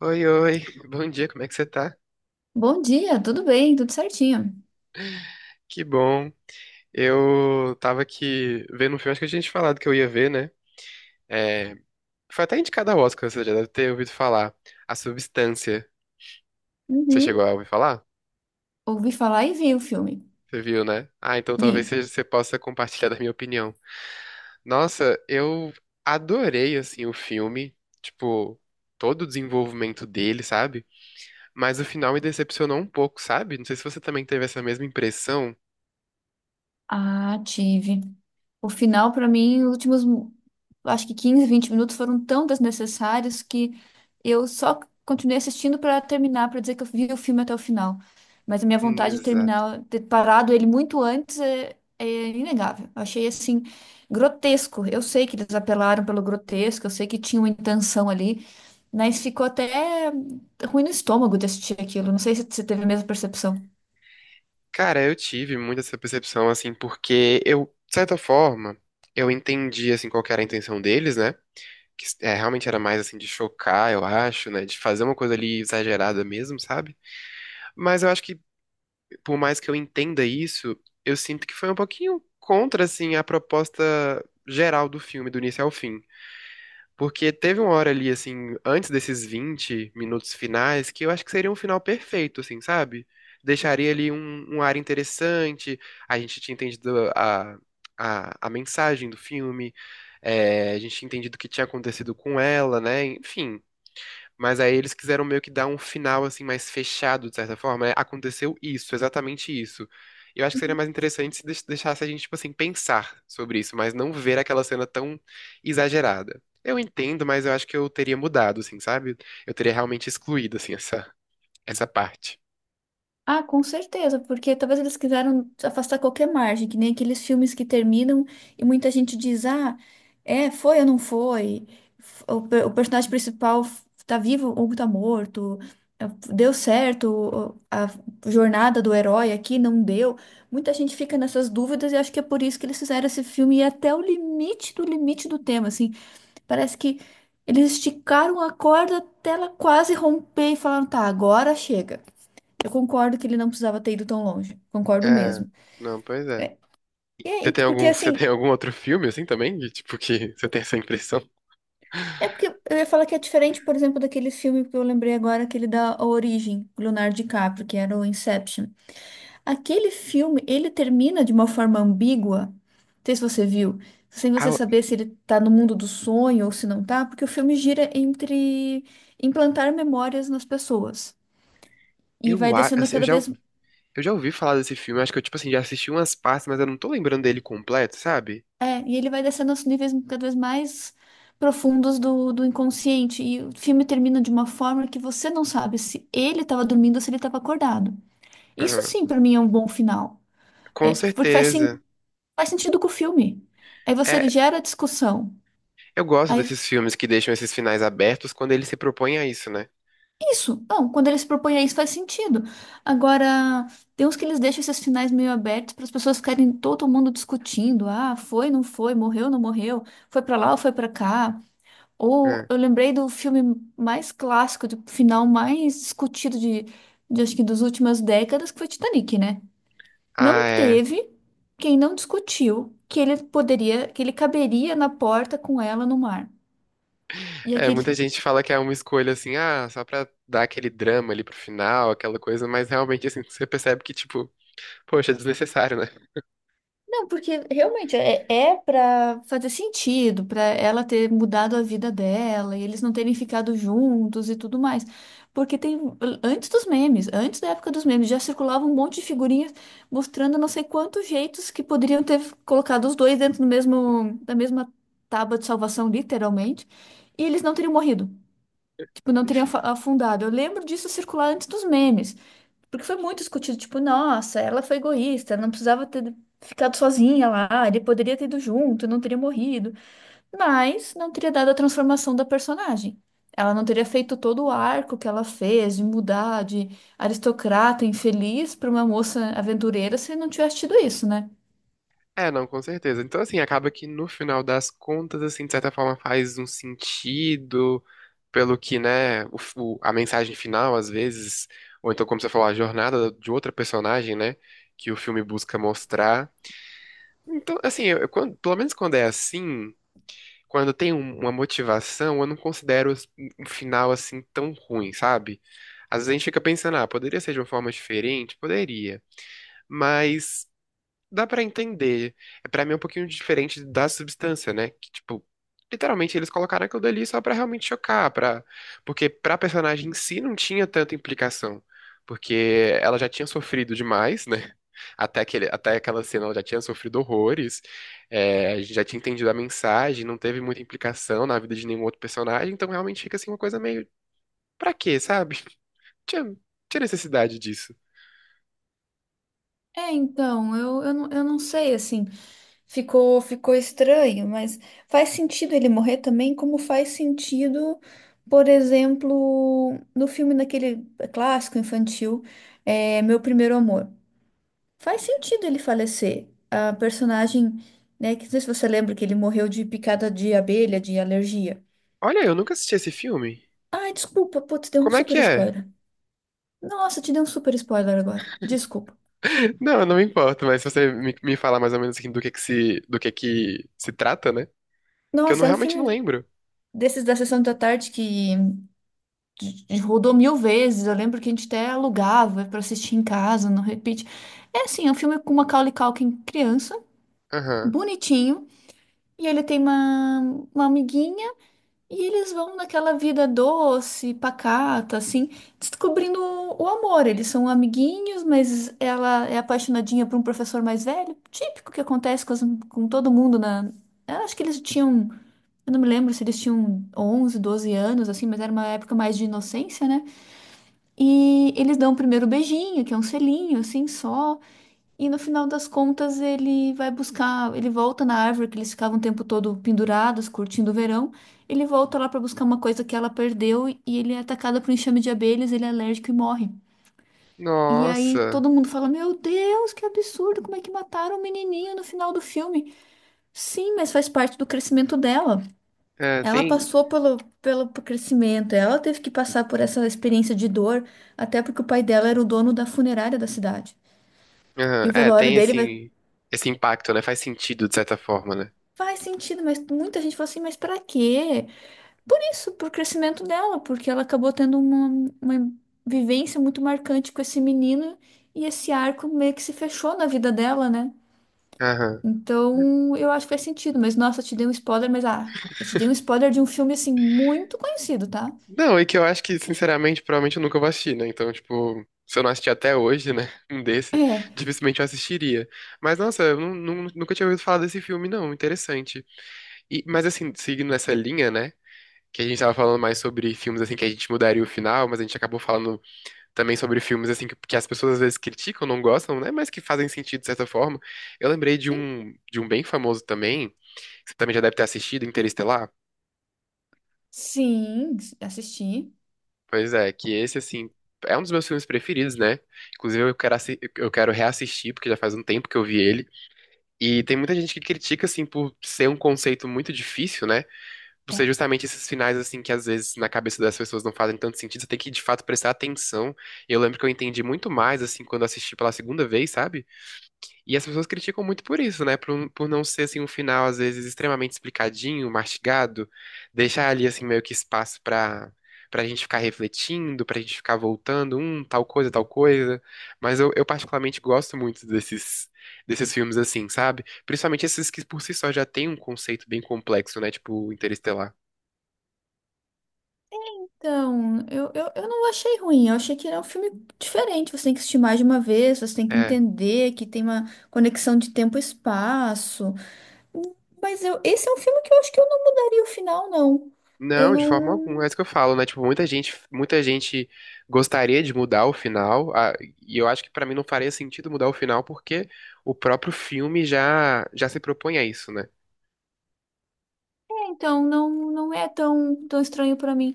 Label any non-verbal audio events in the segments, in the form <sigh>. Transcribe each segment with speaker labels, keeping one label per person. Speaker 1: Oi, oi, bom dia, como é que você tá?
Speaker 2: Bom dia, tudo bem, tudo certinho.
Speaker 1: Que bom. Eu tava aqui vendo um filme, acho que eu tinha te falado que eu ia ver, né? É, foi até indicado ao Oscar, você já deve ter ouvido falar. A Substância. Você
Speaker 2: Uhum.
Speaker 1: chegou a ouvir falar?
Speaker 2: Ouvi falar e vi o filme.
Speaker 1: Você viu, né? Ah, então
Speaker 2: Vi.
Speaker 1: talvez você possa compartilhar da minha opinião. Nossa, eu adorei, assim, o filme. Tipo, todo o desenvolvimento dele, sabe? Mas o final me decepcionou um pouco, sabe? Não sei se você também teve essa mesma impressão.
Speaker 2: Ah, tive. O final, pra mim, os últimos, acho que 15, 20 minutos foram tão desnecessários que eu só continuei assistindo pra terminar, pra dizer que eu vi o filme até o final. Mas a minha vontade de
Speaker 1: Exato.
Speaker 2: terminar, ter parado ele muito antes é inegável. Eu achei assim grotesco. Eu sei que eles apelaram pelo grotesco, eu sei que tinha uma intenção ali, mas ficou até ruim no estômago de assistir aquilo. Não sei se você teve a mesma percepção.
Speaker 1: Cara, eu tive muito essa percepção, assim, porque eu, de certa forma, eu entendi, assim, qual que era a intenção deles, né? Que é, realmente era mais, assim, de chocar, eu acho, né? De fazer uma coisa ali exagerada mesmo, sabe? Mas eu acho que, por mais que eu entenda isso, eu sinto que foi um pouquinho contra, assim, a proposta geral do filme, do início ao fim. Porque teve uma hora ali, assim, antes desses 20 minutos finais, que eu acho que seria um final perfeito, assim, sabe? Deixaria ali um ar interessante, a gente tinha entendido a mensagem do filme, é, a gente tinha entendido o que tinha acontecido com ela, né? Enfim, mas aí eles quiseram meio que dar um final assim mais fechado, de certa forma, né? Aconteceu isso, exatamente isso. Eu acho que seria mais interessante se deixasse a gente, tipo assim, pensar sobre isso, mas não ver aquela cena tão exagerada. Eu entendo, mas eu acho que eu teria mudado, assim, sabe? Eu teria realmente excluído, assim, essa parte.
Speaker 2: Ah, com certeza, porque talvez eles quiseram afastar qualquer margem, que nem aqueles filmes que terminam e muita gente diz, ah, é, foi ou não foi? O personagem principal tá vivo ou tá morto? É, Deu certo a jornada do herói aqui? Não deu? Muita gente fica nessas dúvidas e acho que é por isso que eles fizeram esse filme e é até o limite do tema, assim. Parece que eles esticaram a corda até ela quase romper e falaram, tá, agora chega. Eu concordo que ele não precisava ter ido tão longe. Concordo
Speaker 1: É,
Speaker 2: mesmo.
Speaker 1: não, pois é.
Speaker 2: E é, ent- porque
Speaker 1: Você tem
Speaker 2: assim,
Speaker 1: algum outro filme, assim, também? Que, tipo, que você tem essa impressão?
Speaker 2: é porque eu ia falar que é diferente, por exemplo, daquele filme que eu lembrei agora, aquele da A Origem, com Leonardo DiCaprio, que era o Inception. Aquele filme, ele termina de uma forma ambígua. Não sei se você viu, sem você
Speaker 1: Ah,
Speaker 2: saber se ele tá no mundo do sonho ou se não tá, porque o filme gira entre implantar memórias nas pessoas. E vai
Speaker 1: eu, a-
Speaker 2: descendo
Speaker 1: assim, eu
Speaker 2: cada
Speaker 1: já,
Speaker 2: vez
Speaker 1: eu já ouvi falar desse filme, acho que eu, tipo assim, já assisti umas partes, mas eu não tô lembrando dele completo, sabe?
Speaker 2: e ele vai descendo aos níveis cada vez mais profundos do inconsciente. E o filme termina de uma forma que você não sabe se ele estava dormindo ou se ele estava acordado. Isso
Speaker 1: Aham.
Speaker 2: sim, para mim, é um bom final.
Speaker 1: Com
Speaker 2: É, porque
Speaker 1: certeza.
Speaker 2: faz sentido com o filme. Aí você
Speaker 1: É,
Speaker 2: gera discussão.
Speaker 1: eu gosto
Speaker 2: Aí,
Speaker 1: desses filmes que deixam esses finais abertos quando ele se propõe a isso, né?
Speaker 2: isso, não, quando ele se propõe a isso, faz sentido. Agora, tem uns que eles deixam esses finais meio abertos para as pessoas ficarem todo mundo discutindo. Ah, foi, não foi, morreu, não morreu, foi para lá ou foi para cá. Ou
Speaker 1: É.
Speaker 2: eu lembrei do filme mais clássico, do final mais discutido de acho que das últimas décadas, que foi Titanic, né? Não
Speaker 1: Ah, é.
Speaker 2: teve quem não discutiu que ele poderia, que ele caberia na porta com ela no mar. E
Speaker 1: É,
Speaker 2: aquele.
Speaker 1: muita gente fala que é uma escolha assim, ah, só pra dar aquele drama ali pro final, aquela coisa, mas realmente, assim, você percebe que, tipo, poxa, é desnecessário, né?
Speaker 2: Não, porque realmente é para fazer sentido, para ela ter mudado a vida dela e eles não terem ficado juntos e tudo mais. Porque tem antes dos memes, antes da época dos memes, já circulava um monte de figurinhas mostrando não sei quantos jeitos que poderiam ter colocado os dois dentro do mesmo da mesma tábua de salvação, literalmente, e eles não teriam morrido, tipo, não teriam afundado. Eu lembro disso circular antes dos memes. Porque foi muito discutido, tipo, nossa, ela foi egoísta, não precisava ter ficado sozinha lá, ele poderia ter ido junto, não teria morrido, mas não teria dado a transformação da personagem. Ela não teria feito todo o arco que ela fez de mudar de aristocrata infeliz para uma moça aventureira se não tivesse tido isso, né?
Speaker 1: É, não, com certeza. Então, assim, acaba que no final das contas, assim, de certa forma faz um sentido pelo que, né, a mensagem final, às vezes, ou então, como você falou, a jornada de outra personagem, né, que o filme busca mostrar. Então, assim, pelo menos quando é assim, quando tem uma motivação, eu não considero um final, assim, tão ruim, sabe? Às vezes a gente fica pensando, ah, poderia ser de uma forma diferente? Poderia. Mas dá pra entender. É, pra mim é um pouquinho diferente da substância, né? Que, tipo, literalmente eles colocaram aquilo dali só pra realmente chocar, pra... porque pra personagem em si não tinha tanta implicação. Porque ela já tinha sofrido demais, né? <laughs> Até aquela cena ela já tinha sofrido horrores, é, a gente já tinha entendido a mensagem, não teve muita implicação na vida de nenhum outro personagem, então realmente fica assim uma coisa meio. Pra quê, sabe? <laughs> Tinha, tinha necessidade disso.
Speaker 2: É, então, eu não sei, assim, ficou, ficou estranho, mas faz sentido ele morrer também, como faz sentido, por exemplo, no filme daquele clássico infantil, é, Meu Primeiro Amor. Faz sentido ele falecer. A personagem, né, que não sei se você lembra que ele morreu de picada de abelha, de alergia.
Speaker 1: Olha, eu nunca assisti esse filme.
Speaker 2: Ai, desculpa, putz, deu um
Speaker 1: Como é que
Speaker 2: super
Speaker 1: é?
Speaker 2: spoiler. Nossa, te dei um super spoiler agora. Desculpa.
Speaker 1: Não, eu não me importo, mas se você me falar mais ou menos assim, do que se trata, né? Que eu não,
Speaker 2: Nossa, é um
Speaker 1: realmente não
Speaker 2: filme
Speaker 1: lembro.
Speaker 2: desses da sessão da tarde que rodou mil vezes. Eu lembro que a gente até alugava pra assistir em casa, não repeat. É assim, é um filme com Macaulay Culkin criança,
Speaker 1: Aham.
Speaker 2: bonitinho, e ele tem uma amiguinha, e eles vão naquela vida doce, pacata, assim, descobrindo o amor. Eles são amiguinhos, mas ela é apaixonadinha por um professor mais velho, típico que acontece com todo mundo na. Eu acho que eles tinham. Eu não me lembro se eles tinham 11, 12 anos, assim, mas era uma época mais de inocência, né? E eles dão o primeiro beijinho, que é um selinho, assim, só. E no final das contas, ele vai buscar, ele volta na árvore que eles ficavam o tempo todo pendurados, curtindo o verão. Ele volta lá para buscar uma coisa que ela perdeu e ele é atacado por um enxame de abelhas, ele é alérgico e morre. E aí
Speaker 1: Nossa.
Speaker 2: todo mundo fala: Meu Deus, que absurdo, como é que mataram o menininho no final do filme? Sim, mas faz parte do crescimento dela.
Speaker 1: É,
Speaker 2: Ela
Speaker 1: tem.
Speaker 2: passou pelo crescimento, ela teve que passar por essa experiência de dor, até porque o pai dela era o dono da funerária da cidade.
Speaker 1: Aham.
Speaker 2: E o
Speaker 1: É,
Speaker 2: velório
Speaker 1: tem
Speaker 2: dele vai,
Speaker 1: assim, esse impacto, né? Faz sentido de certa forma, né?
Speaker 2: faz sentido, mas muita gente fala assim, mas pra quê? Por isso, por crescimento dela, porque ela acabou tendo uma vivência muito marcante com esse menino e esse arco meio que se fechou na vida dela, né?
Speaker 1: Aham.
Speaker 2: Então, eu acho que faz sentido, mas nossa, eu te dei um spoiler, mas ah, eu te dei um spoiler de um filme assim muito conhecido, tá?
Speaker 1: Não, e que eu acho que, sinceramente, provavelmente eu nunca vou assistir, né? Então, tipo, se eu não assistir até hoje, né? <laughs> Um desse,
Speaker 2: É.
Speaker 1: dificilmente eu assistiria. Mas, nossa, eu nunca tinha ouvido falar desse filme, não. Interessante. E- mas assim, seguindo essa linha, né? Que a gente tava falando mais sobre filmes assim que a gente mudaria o final, mas a gente acabou falando também sobre filmes assim que as pessoas às vezes criticam, não gostam, né? Mas que fazem sentido de certa forma. Eu lembrei de um bem famoso também, que você também já deve ter assistido, Interestelar.
Speaker 2: Sim, assisti.
Speaker 1: Pois é, que esse assim é um dos meus filmes preferidos, né? Inclusive eu quero reassistir porque já faz um tempo que eu vi ele. E tem muita gente que critica assim por ser um conceito muito difícil, né? Por ser
Speaker 2: É.
Speaker 1: justamente esses finais, assim, que às vezes na cabeça das pessoas não fazem tanto sentido, você tem que de fato prestar atenção. Eu lembro que eu entendi muito mais, assim, quando assisti pela segunda vez, sabe? E as pessoas criticam muito por isso, né? Por, por não ser, assim, um final, às vezes, extremamente explicadinho, mastigado, deixar ali, assim, meio que espaço pra gente ficar refletindo, pra gente ficar voltando, tal coisa, tal coisa. Mas eu particularmente gosto muito desses, desses filmes, assim, sabe? Principalmente esses que por si só já têm um conceito bem complexo, né? Tipo, Interestelar.
Speaker 2: Então, eu não achei ruim, eu achei que era um filme diferente. Você tem que assistir mais de uma vez, você tem que
Speaker 1: É.
Speaker 2: entender que tem uma conexão de tempo e espaço. Mas eu, esse é um filme que eu acho que eu não mudaria o final, não. Eu
Speaker 1: Não, de forma alguma, é
Speaker 2: não.
Speaker 1: isso que eu falo, né? Tipo, muita gente gostaria de mudar o final, a- e eu acho que pra mim não faria sentido mudar o final porque o próprio filme já se propõe a isso, né?
Speaker 2: Então, não, não é tão, tão estranho pra mim.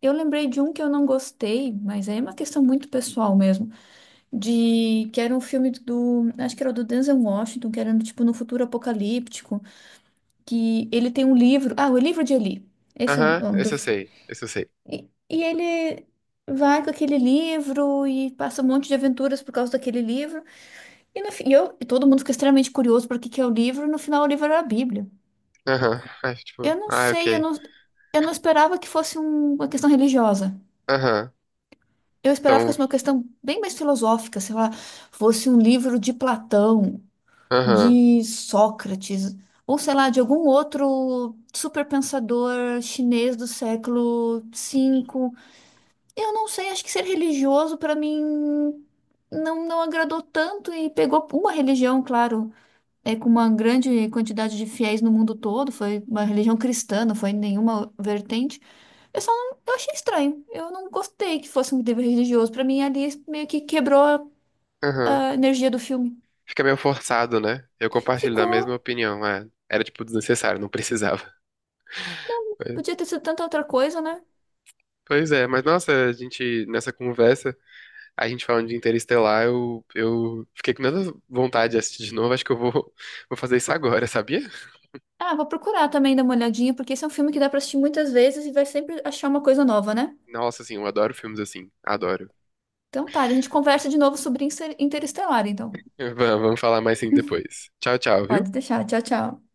Speaker 2: Eu lembrei de um que eu não gostei, mas aí é uma questão muito pessoal mesmo. De que era um filme do. Acho que era do Denzel Washington, que era tipo no futuro apocalíptico, que ele tem um livro. Ah, o livro de Eli. Esse é o
Speaker 1: Aham,
Speaker 2: nome do.
Speaker 1: esse eu sei, esse eu sei.
Speaker 2: E ele vai com aquele livro e passa um monte de aventuras por causa daquele livro. E, no, fi- e eu, e todo mundo fica extremamente curioso para o que que é o livro. E no final, o livro era a Bíblia.
Speaker 1: Aham, é, tipo,
Speaker 2: Eu não
Speaker 1: ah,
Speaker 2: sei,
Speaker 1: ok.
Speaker 2: eu não esperava que fosse uma questão religiosa.
Speaker 1: Aham,
Speaker 2: Eu esperava que
Speaker 1: então,
Speaker 2: fosse uma questão bem mais filosófica, sei lá, fosse um livro de Platão,
Speaker 1: aham,
Speaker 2: de Sócrates, ou sei lá, de algum outro superpensador chinês do século cinco. Eu não sei, acho que ser religioso para mim não agradou tanto e pegou uma religião, claro, é com uma grande quantidade de fiéis no mundo todo, foi uma religião cristã, não foi nenhuma vertente. Eu achei estranho. Eu não gostei que fosse um dever religioso. Para mim ali meio que quebrou a
Speaker 1: aham.
Speaker 2: a energia do filme.
Speaker 1: Fica meio forçado, né? Eu compartilho da
Speaker 2: Ficou
Speaker 1: mesma opinião, é. Era, tipo, desnecessário, não precisava. <laughs> Pois
Speaker 2: Podia ter sido tanta outra coisa, né?
Speaker 1: pois é, mas nossa, a gente, nessa conversa. A gente falando de Interestelar, eu fiquei com tanta vontade de assistir de novo. Acho que eu vou, <laughs> vou fazer isso agora, sabia?
Speaker 2: Ah, vou procurar também dar uma olhadinha, porque esse é um filme que dá pra assistir muitas vezes e vai sempre achar uma coisa nova, né?
Speaker 1: Nossa, assim, eu adoro filmes assim. Adoro.
Speaker 2: Então tá, a gente conversa de novo sobre Interestelar, então.
Speaker 1: <laughs> Vamos vamos falar mais sim depois. Tchau, tchau,
Speaker 2: Pode
Speaker 1: viu?
Speaker 2: deixar. Tchau, tchau.